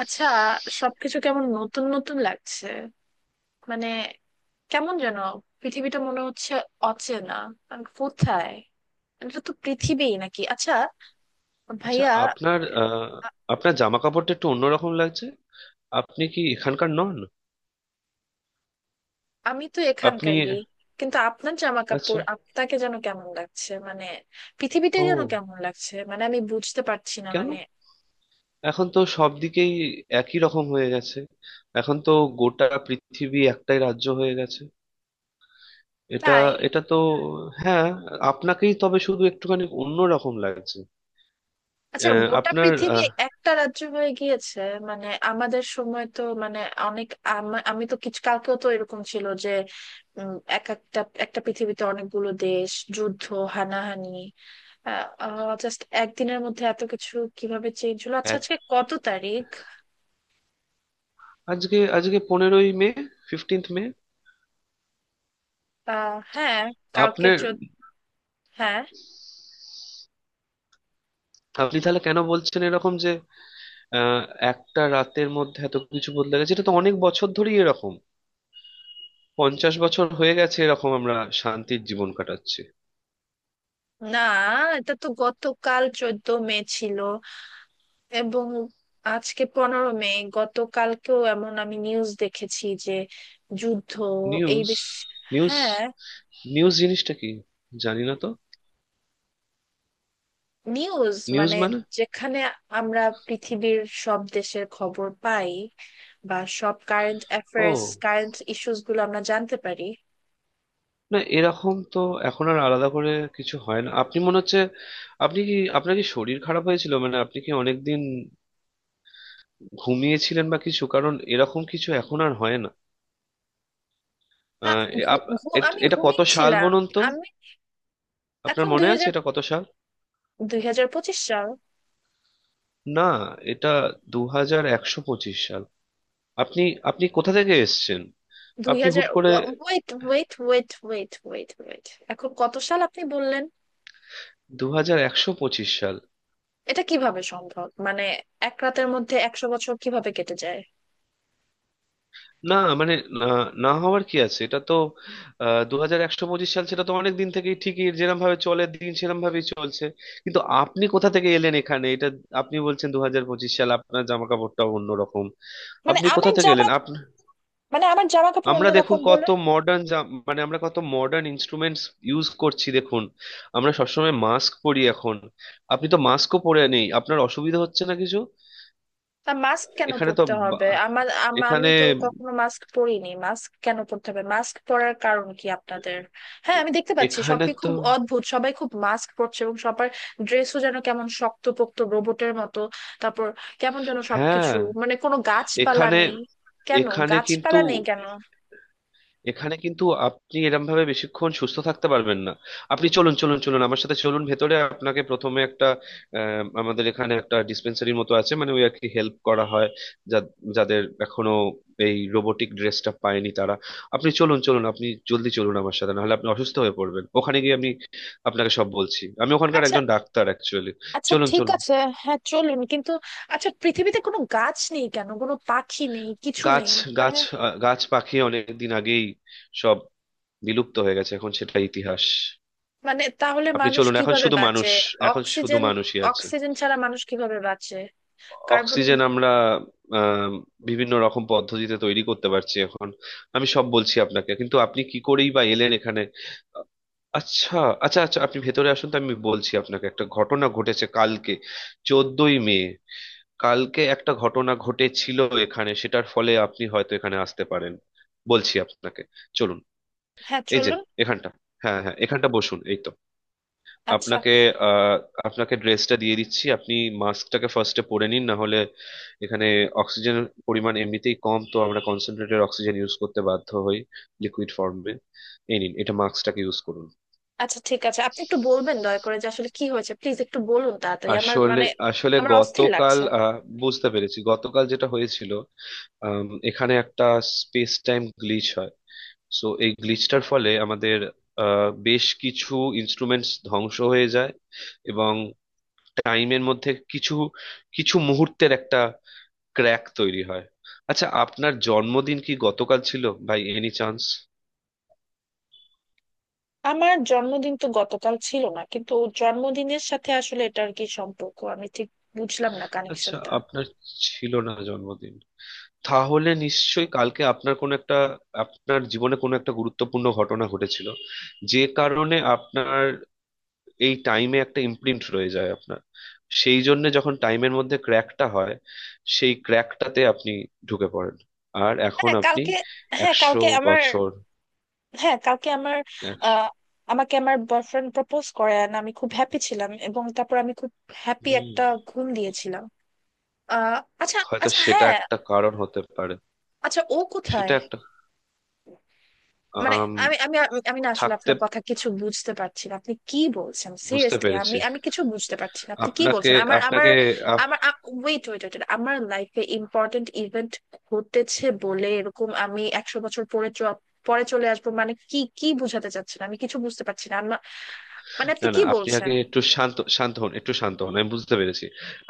আচ্ছা, সবকিছু কেমন নতুন নতুন লাগছে। মানে কেমন যেন পৃথিবীটা মনে হচ্ছে অচেনা। আমি কোথায়? এটা তো পৃথিবী নাকি? আচ্ছা আচ্ছা, ভাইয়া, আপনার আ- জামা কাপড়টা একটু অন্যরকম লাগছে। আপনি কি এখানকার নন? আমি তো আপনি। এখানকারই। কিন্তু আপনার জামা আচ্ছা। কাপড়, আপনাকে যেন কেমন লাগছে, মানে পৃথিবীটাই যেন ও, কেমন লাগছে। মানে আমি বুঝতে পারছি না, কেন? মানে এখন তো সব দিকেই একই রকম হয়ে গেছে। এখন তো গোটা পৃথিবী একটাই রাজ্য হয়ে গেছে। এটা তাই। এটা তো হ্যাঁ। আপনাকেই তবে শুধু একটুখানি অন্যরকম লাগছে। আচ্ছা আহ, গোটা আপনার পৃথিবী আহ, একটা রাজ্য হয়ে গিয়েছে? মানে আমাদের সময় তো, মানে অনেক, আমি তো কিছু, কালকেও তো এরকম ছিল যে উম, এক একটা একটা পৃথিবীতে অনেকগুলো দেশ, যুদ্ধ, হানাহানি। জাস্ট একদিনের মধ্যে এত কিছু কিভাবে চেঞ্জ হলো? আচ্ছা এক আজকে কত তারিখ? আজকে আজকে 15ই মে। ফিফটিন্থ মে। আহ হ্যাঁ, কালকে আপনার চোদ্দ। হ্যাঁ। আপনি তাহলে কেন বলছেন এরকম যে আহ একটা রাতের মধ্যে এত কিছু বদলে গেছে? এটা তো অনেক বছর ধরেই এরকম। 50 বছর হয়ে গেছে এরকম আমরা শান্তির জীবন কাটাচ্ছি। না, এটা তো গতকাল 14 মে ছিল, এবং আজকে 15 মে। গতকালকেও এমন আমি নিউজ দেখেছি যে যুদ্ধ, এই নিউজ। দেশ। নিউজ। হ্যাঁ। নিউজ জিনিসটা কি? জানি না তো। নিউজ নিউজ মানে মানে। যেখানে আমরা পৃথিবীর সব দেশের খবর পাই, বা সব কারেন্ট ও, অ্যাফেয়ার্স, কারেন্ট ইস্যুস গুলো আমরা জানতে পারি। না, এরকম তো এখন আর আলাদা করে কিছু হয় না। আপনি মনে হচ্ছে, আপনি কি, আপনার কি শরীর খারাপ হয়েছিল, মানে আপনি কি অনেকদিন ঘুমিয়েছিলেন বা কিছু? কারণ এরকম কিছু এখন আর হয় না। আ, আহ, এ- আপ- এট- আমি এটা কত সাল ঘুমিয়েছিলাম। বলুন তো? আমি আপনার এখন মনে আছে এটা কত সাল? 2025 সাল। না, এটা 2125 সাল। আপনি, আপনি কোথা থেকে এসেছেন? দুই আপনি হাজার হুট করে wait wait wait wait wait wait, এখন কত সাল আপনি বললেন? 2125 সাল। এটা কিভাবে সম্ভব? মানে এক রাতের মধ্যে 100 বছর কিভাবে কেটে যায়? না, মানে, না, না হওয়ার কি আছে? এটা তো 2125 সাল, সেটা তো অনেক দিন থেকেই ঠিকই, যেরকম ভাবে চলে দিন সেরকম ভাবেই চলছে। কিন্তু আপনি কোথা থেকে এলেন এখানে? এটা আপনি বলছেন 2025 সাল, আপনার জামা কাপড়টাও অন্যরকম। মানে আপনি কোথা আমার থেকে জামা, এলেন আপনি? মানে আমার জামা কাপড় আমরা দেখুন অন্যরকম বলে? কত মডার্ন, মানে আমরা কত মডার্ন ইনস্ট্রুমেন্টস ইউজ করছি দেখুন। আমরা সবসময় মাস্ক পরি এখন। আপনি তো মাস্কও পরে নেই, আপনার অসুবিধা হচ্ছে না কিছু? তা মাস্ক কেন এখানে তো পরতে হবে বা- আমার? আমি এখানে তো কখনো মাস্ক পরিনি। মাস্ক কেন পরতে হবে? মাস্ক পরার কারণ কি আপনাদের? হ্যাঁ এ- আমি দেখতে পাচ্ছি এখানে সবই তো খুব অদ্ভুত, সবাই খুব মাস্ক পরছে, এবং সবার ড্রেসও যেন কেমন শক্তপোক্ত রোবটের মতো। তারপর কেমন যেন হ্যাঁ সবকিছু, মানে কোনো গাছপালা এখানে নেই। কেন এখানে কিন্তু গাছপালা নেই, কেন? এখানে কিন্তু আপনি এরম ভাবে বেশিক্ষণ সুস্থ থাকতে পারবেন না। আপনি চলুন চলুন চলুন আমার সাথে, চলুন ভেতরে। আপনাকে প্রথমে একটা আমাদের এখানে একটা ডিসপেন্সারির মতো আছে, মানে ওই আর কি, হেল্প করা হয় যা- যাদের এখনো এই রোবোটিক ড্রেসটা পায়নি তারা। আপনি চলুন চলুন আপনি জলদি চলুন আমার সাথে, নাহলে আপনি অসুস্থ হয়ে পড়বেন। ওখানে গিয়ে আমি আপনাকে সব বলছি। আমি ওখানকার আচ্ছা। একজন ডাক্তার অ্যাকচুয়ালি। আচ্ছা চলুন ঠিক চলুন আছে। হ্যাঁ চলুন, কিন্তু আচ্ছা, পৃথিবীতে কোনো গাছ নেই কেন, কোনো পাখি নেই, কিছু গাছ নেই, মানে? গাছ গাছ পাখি অনেক দিন আগেই সব বিলুপ্ত হয়ে গেছে, এখন সেটা ইতিহাস। মানে তাহলে আপনি মানুষ চলুন, এখন কিভাবে শুধু বাঁচে? মানুষ, এখন শুধু অক্সিজেন, মানুষই আছে। অক্সিজেন ছাড়া মানুষ কিভাবে বাঁচে? কার্বন। অক্সিজেন আমরা আম, বিভিন্ন রকম পদ্ধতিতে তৈরি করতে পারছি এখন। আমি সব বলছি আপনাকে, কিন্তু আপনি কি করেই বা এলেন এখানে? আচ্ছা আচ্ছা আচ্ছা আপনি ভেতরে আসুন তো, আমি বলছি আপনাকে, একটা ঘটনা ঘটেছে কালকে, 14ই মে। কালকে একটা ঘটনা ঘটেছিল এখানে, সেটার ফলে আপনি হয়তো এখানে আসতে পারেন। বলছি আপনাকে, চলুন। হ্যাঁ এই যে চলুন। এখানটা, হ্যাঁ হ্যাঁ, এখানটা বসুন, এই তো। আচ্ছা। আপনাকে আহ আপনাকে ড্রেসটা দিয়ে দিচ্ছি। আপনি মাস্কটাকে ফার্স্টে পরে নিন, না হলে এখানে অক্সিজেন পরিমাণ এমনিতেই কম, তো আমরা কনসেন্ট্রেটেড অক্সিজেন ইউজ করতে বাধ্য হই লিকুইড ফর্মে। এই নিন এটা, মাস্কটাকে ইউজ করুন। আচ্ছা ঠিক আছে। আপনি একটু বলবেন দয়া করে যে আসলে কি হয়েছে, প্লিজ একটু বলুন তাড়াতাড়ি, আমার, আসলে মানে আসলে আমার অস্থির গতকাল লাগছে। বুঝতে পেরেছি গতকাল যেটা হয়েছিল, এখানে একটা স্পেস টাইম গ্লিচ হয়। সো, এই গ্লিচটার ফলে আমাদের বেশ কিছু ইনস্ট্রুমেন্টস ধ্বংস হয়ে যায়, এবং টাইমের মধ্যে কিছু কিছু মুহূর্তের একটা ক্র্যাক তৈরি হয়। আচ্ছা, আপনার জন্মদিন কি গতকাল ছিল ভাই, এনি চান্স? আমার জন্মদিন তো গতকাল ছিল না, কিন্তু জন্মদিনের সাথে আসলে এটার কি সম্পর্ক? আমি ঠিক বুঝলাম না আচ্ছা, কানেকশনটা। আপনার ছিল না জন্মদিন? তাহলে নিশ্চয়ই কালকে আপনার কোনো একটা, আপনার জীবনে কোনো একটা গুরুত্বপূর্ণ ঘটনা ঘটেছিল, যে কারণে আপনার এই টাইমে একটা ইমপ্রিন্ট রয়ে যায় আপনার। সেই জন্য যখন টাইমের মধ্যে ক্র্যাকটা হয়, সেই ক্র্যাকটাতে আপনি ঢুকে পড়েন, আর এখন হ্যাঁ আপনি কালকে, হ্যাঁ একশো কালকে আমার, বছর হ্যাঁ কালকে আমার, আহ, আমাকে আমার বয়ফ্রেন্ড প্রপোজ করে and আমি খুব হ্যাপি ছিলাম, এবং তারপর আমি খুব হ্যাপি হুম, একটা ঘুম দিয়েছিলাম। আহ আচ্ছা। হয়তো আচ্ছা সেটা হ্যাঁ। একটা কারণ হতে পারে। আচ্ছা ও কোথায়? সেটা একটা মানে আম, আমি আমি, আমি না আসলে থাকতে আপনার কথা কিছু বুঝতে পারছি না, আপনি কি বলছেন বুঝতে সিরিয়াসলি? আমি পেরেছি। আমি কিছু বুঝতে পারছি না আপনি কি আপনাকে বলছেন। আমার আমার আপনাকে আপ- আমার, ওয়েট ওয়েট ওয়েট, আমার লাইফে ইম্পর্টেন্ট ইভেন্ট ঘটেছে বলে এরকম আমি 100 বছর পরে পরে চলে আসবো, মানে কি, কি বোঝাতে চাচ্ছেন? আমি কিছু বুঝতে পারছি না, মানে না আপনি না, কি আপনি আগে বলছেন? একটু শান্ত শান্ত হন, একটু শান্ত হন। আমি বুঝতে পেরেছি।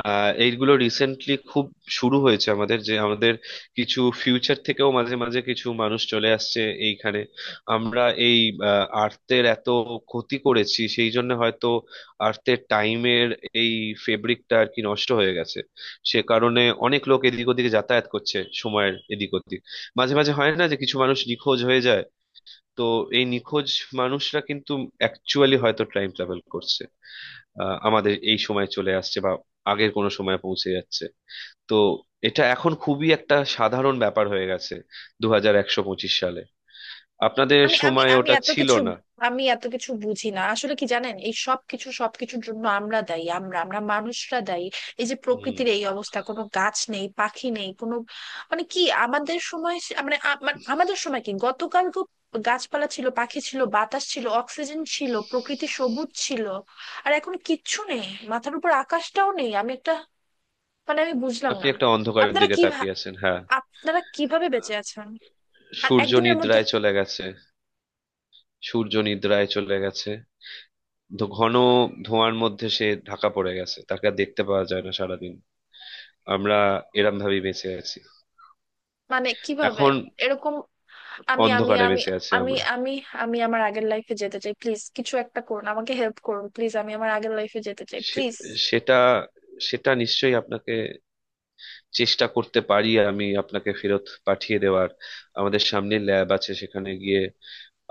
এইগুলো রিসেন্টলি খুব শুরু হয়েছে আমাদের, যে আমাদের কিছু ফিউচার থেকেও মাঝে মাঝে কিছু মানুষ চলে আসছে এইখানে। আমরা এই আর্টের এত ক্ষতি করেছি, সেই জন্য হয়তো আর্টের টাইমের এই ফেব্রিকটা আর কি নষ্ট হয়ে গেছে। সে কারণে অনেক লোক এদিক ওদিকে যাতায়াত করছে, সময়ের এদিক ওদিক। মাঝে মাঝে হয় না যে কিছু মানুষ নিখোঁজ হয়ে যায়? তো এই নিখোঁজ মানুষরা কিন্তু অ্যাকচুয়ালি হয়তো টাইম ট্রাভেল করছে, আমাদের এই সময়ে চলে আসছে বা আগের কোনো সময়ে পৌঁছে যাচ্ছে। তো এটা এখন খুবই একটা সাধারণ ব্যাপার হয়ে গেছে 2125 সালে। আপনাদের আমি আমি সময় আমি ওটা এত ছিল কিছু, না। এত কিছু বুঝি না আসলে, কি জানেন, এই সব কিছু, সবকিছুর জন্য আমরা দায়ী, আমরা আমরা মানুষরা দায়ী। এই যে হুম। প্রকৃতির এই অবস্থা, কোনো গাছ নেই, পাখি নেই, কোনো মানে কি? আমাদের সময় মানে আমাদের সময় কি, গতকাল তো গাছপালা ছিল, পাখি ছিল, বাতাস ছিল, অক্সিজেন ছিল, প্রকৃতি সবুজ ছিল। আর এখন কিচ্ছু নেই, মাথার উপর আকাশটাও নেই। আমি একটা, মানে আমি বুঝলাম আপনি না। একটা অন্ধকারের আপনারা দিকে কি ভা- তাকিয়ে আছেন, হ্যাঁ। আপনারা কিভাবে বেঁচে আছেন? আর সূর্য একদিনের মধ্যে নিদ্রায় চলে গেছে। সূর্য নিদ্রায় চলে গেছে। ঘন ধোঁয়ার মধ্যে সে ঢাকা পড়ে গেছে, তাকে আর দেখতে পাওয়া যায় না সারাদিন। আমরা এরম ভাবেই বেঁচে আছি মানে কিভাবে এখন, এরকম? আমি আমি অন্ধকারে আমি বেঁচে আছি আমি আমরা। আমি আমি আমার আগের লাইফে যেতে চাই প্লিজ, কিছু একটা করুন, আমাকে হেল্প করুন প্লিজ, আমি আমার আগের লাইফে যেতে চাই সে- প্লিজ। সেটা সেটা নিশ্চয়ই, আপনাকে চেষ্টা করতে পারি আমি আপনাকে ফেরত পাঠিয়ে দেওয়ার। আমাদের সামনে ল্যাব আছে, সেখানে গিয়ে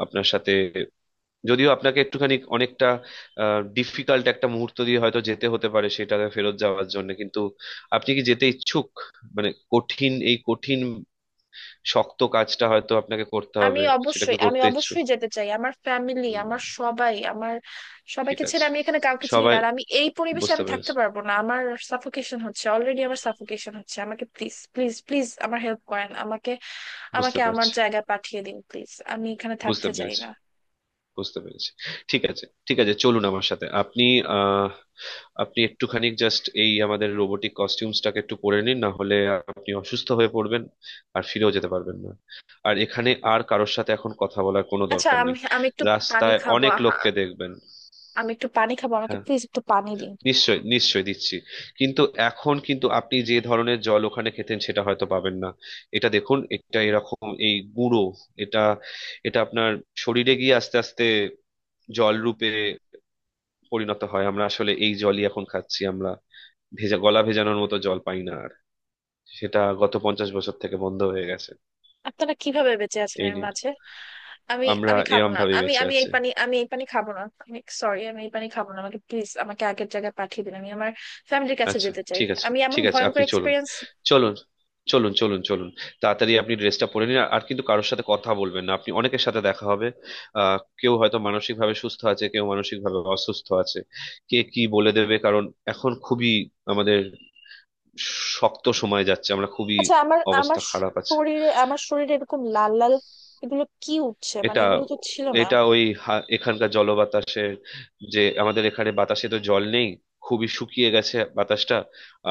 আপনার সাথে, যদিও আপনাকে একটুখানি, অনেকটা ডিফিকাল্ট একটা মুহূর্ত দিয়ে হয়তো যেতে হতে পারে সেটাকে ফেরত যাওয়ার জন্য। কিন্তু আপনি কি যেতে ইচ্ছুক? মানে কঠিন, এই কঠিন শক্ত কাজটা হয়তো আপনাকে করতে আমি হবে। সেটাকে অবশ্যই, আমি করতে ইচ্ছুক? অবশ্যই যেতে চাই, আমার ফ্যামিলি, হুম। আমার সবাই, আমার ঠিক সবাইকে ছেড়ে আছে, আমি এখানে কাউকে চিনি না, সবাই আর আমি এই পরিবেশে বুঝতে আমি থাকতে পেরেছে। পারবো না। আমার সাফোকেশন হচ্ছে, অলরেডি আমার সাফোকেশন হচ্ছে, আমাকে প্লিজ প্লিজ প্লিজ আমার হেল্প করেন, আমাকে, বুঝতে আমাকে পারছে। আমার জায়গায় পাঠিয়ে দিন প্লিজ, আমি এখানে বুঝতে থাকতে চাই পেরেছি। না। বুঝতে পেরেছি। ঠিক আছে ঠিক আছে, চলুন আমার সাথে আপনি। আহ আপনি একটুখানি জাস্ট এই আমাদের রোবোটিক কস্টিউমসটাকে একটু পরে নিন, না হলে আপনি অসুস্থ হয়ে পড়বেন আর ফিরেও যেতে পারবেন না। আর এখানে আর কারোর সাথে এখন কথা বলার কোনো আচ্ছা, দরকার আমি নেই। আমি একটু পানি রাস্তায় খাবো। অনেক লোককে দেখবেন। আমি একটু পানি খাবো, আমাকে হ্যাঁ, প্লিজ একটু পানি দিন। নিশ্চয়ই নিশ্চয়ই দিচ্ছি। কিন্তু এখন কিন্তু আপনি যে ধরনের জল ওখানে খেতেন সেটা হয়তো পাবেন না। এটা দেখুন, এটা এরকম এই গুঁড়ো, এটা এটা আপনার শরীরে গিয়ে আস্তে আস্তে জল রূপে পরিণত হয়। আমরা আসলে এই জলই এখন খাচ্ছি আমরা, ভেজা গলা ভেজানোর মতো জল পাই না আর। সেটা গত 50 বছর থেকে বন্ধ হয়ে গেছে। আপনারা কিভাবে বেঁচে আছেন এই এর নিন। মাঝে? আমি আমরা আমি খাবো এরম না, ভাবে আমি বেঁচে আমি এই আছি। পানি, আমি এই পানি খাবো না, আমি সরি, আমি এই পানি খাবো না। আমাকে প্লিজ, আমাকে আগের জায়গায় পাঠিয়ে দিন, আমি আমার ফ্যামিলির কাছে আচ্ছা, যেতে চাই। ঠিক আছে আমি এমন ঠিক আছে, ভয়ঙ্কর আপনি চলুন। এক্সপিরিয়েন্স। চলুন চলুন চলুন চলুন তাড়াতাড়ি আপনি ড্রেসটা পরে নিন। আর আর কিন্তু কারোর সাথে কথা বলবেন না, আপনি অনেকের সাথে দেখা হবে। কেউ হয়তো মানসিক ভাবে সুস্থ আছে, কেউ মানসিক ভাবে অসুস্থ আছে, কে কি বলে দেবে। কারণ এখন খুবই আমাদের শক্ত সময় যাচ্ছে, আমরা খুবই আচ্ছা, আমার আমার অবস্থা খারাপ আছে। শরীরে, আমার শরীরে এরকম লাল লাল এগুলো কি উঠছে? মানে এটা এগুলো তো ছিল না। এটা ওই হা- এখানকার জলবাতাসের, যে আমাদের এখানে বাতাসে তো জল নেই, খুবই শুকিয়ে গেছে বাতাসটা।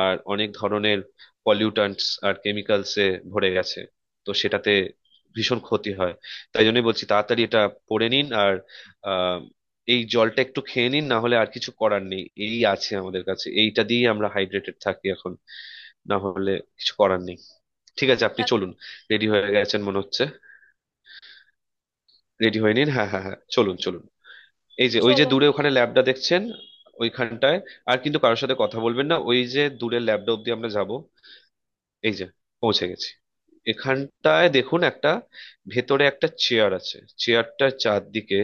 আর অনেক ধরনের পলিউটান্টস আর কেমিক্যালসে ভরে গেছে, তো সেটাতে ভীষণ ক্ষতি হয়। তাই জন্যই বলছি তাড়াতাড়ি এটা পড়ে নিন, আর আহ, এই জলটা একটু খেয়ে নিন, না হলে আর কিছু করার নেই। এই আছে আমাদের কাছে, এইটা দিয়েই আমরা হাইড্রেটেড থাকি এখন। না হলে কিছু করার নেই। ঠিক আছে, আপনি আহ, চলুন। রেডি হয়ে গেছেন মনে হচ্ছে। রেডি হয়ে নিন, হ্যাঁ হ্যাঁ হ্যাঁ, চলুন চলুন। এই যে, ওই যে চলো। দূরে ওখানে ল্যাবটা দেখছেন, ওইখানটায়। আর কিন্তু কারোর সাথে কথা বলবেন না। ওই যে দূরের ল্যাবটা অব্দি আমরা যাব। এই যে, পৌঁছে গেছি। এখানটায় দেখুন, একটা ভেতরে একটা চেয়ার আছে, চেয়ারটার চারদিকে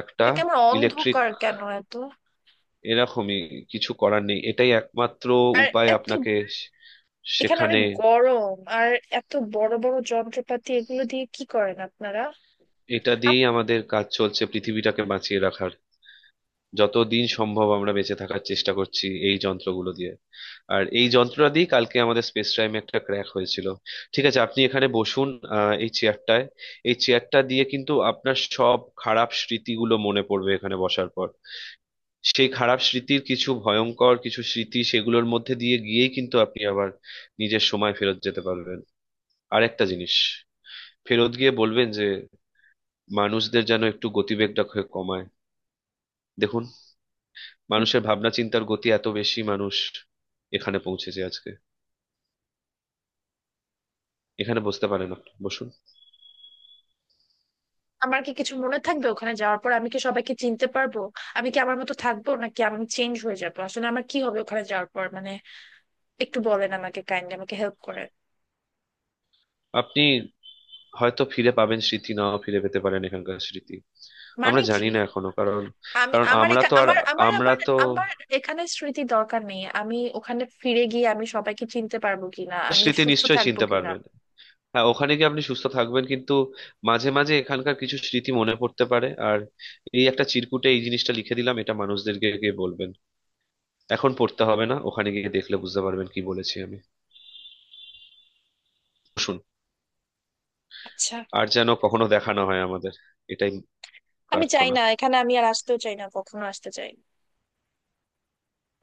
একটা এটা কেমন ইলেকট্রিক, অন্ধকার কেন এত? এরকমই, কিছু করার নেই, এটাই একমাত্র আর উপায়। এত, আপনাকে সে- এখানে সেখানে, অনেক গরম। আর এত বড় বড় যন্ত্রপাতি, এগুলো দিয়ে কি করেন আপনারা? এটা দিয়েই আমাদের কাজ চলছে পৃথিবীটাকে বাঁচিয়ে রাখার। যতদিন সম্ভব আমরা বেঁচে থাকার চেষ্টা করছি এই যন্ত্রগুলো দিয়ে। আর এই যন্ত্রটা দিয়ে কালকে আমাদের স্পেস টাইমে একটা ক্র্যাক হয়েছিল। ঠিক আছে, আপনি এখানে বসুন এই চেয়ারটায়। এই চেয়ারটা দিয়ে কিন্তু আপনার সব খারাপ স্মৃতিগুলো মনে পড়বে এখানে বসার পর। সেই খারাপ স্মৃতির কিছু, ভয়ঙ্কর কিছু স্মৃতি, সেগুলোর মধ্যে দিয়ে গিয়েই কিন্তু আপনি আবার নিজের সময় ফেরত যেতে পারবেন। আর একটা জিনিস, ফেরত গিয়ে বলবেন যে মানুষদের যেন একটু গতিবেগটা কমায়। দেখুন, আপ- মানুষের ভাবনা চিন্তার গতি এত বেশি, মানুষ এখানে পৌঁছেছে আজকে। এখানে বসতে পারেন, আপনি বসুন। আমার কি কিছু মনে থাকবে ওখানে যাওয়ার পর? আমি কি সবাইকে চিনতে পারবো? আমি কি আমার মতো থাকবো, নাকি আমি চেঞ্জ হয়ে যাবো আসলে? আমার কি হবে ওখানে যাওয়ার পর, মানে একটু বলেন আমাকে, কাইন্ডলি আমাকে হেল্প করেন। আপনি হয়তো ফিরে পাবেন স্মৃতি, নাও ফিরে পেতে পারেন এখানকার স্মৃতি, আমরা মানে কি? জানি না এখনো। কারণ, আমি কারণ আমার আমরা তো এখা- আর, আমার আমার আমরা আমার তো, আমার এখানে স্মৃতি দরকার নেই। আমি ওখানে ফিরে গিয়ে আমি সবাইকে চিনতে পারবো কিনা, আমি স্মৃতি সুস্থ নিশ্চয়ই থাকবো চিনতে কিনা? পারবেন। হ্যাঁ, ওখানে গিয়ে আপনি সুস্থ থাকবেন, কিন্তু মাঝে মাঝে এখানকার কিছু স্মৃতি মনে পড়তে পারে। আর এই একটা চিরকুটে এই জিনিসটা লিখে দিলাম, এটা মানুষদেরকে গিয়ে বলবেন। এখন পড়তে হবে না, ওখানে গিয়ে দেখলে বুঝতে পারবেন কি বলেছি আমি। শুন, আচ্ছা, আর যেন কখনো দেখা না হয় আমাদের, এটাই আমি চাই প্রার্থনা। না, এখানে আমি আর আসতেও চাই না, কখনো আসতে চাই না।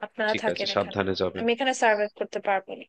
আপনারা ঠিক আছে, থাকেন এখানে, সাবধানে যাবেন। আমি এখানে সার্ভাইভ করতে পারবো না।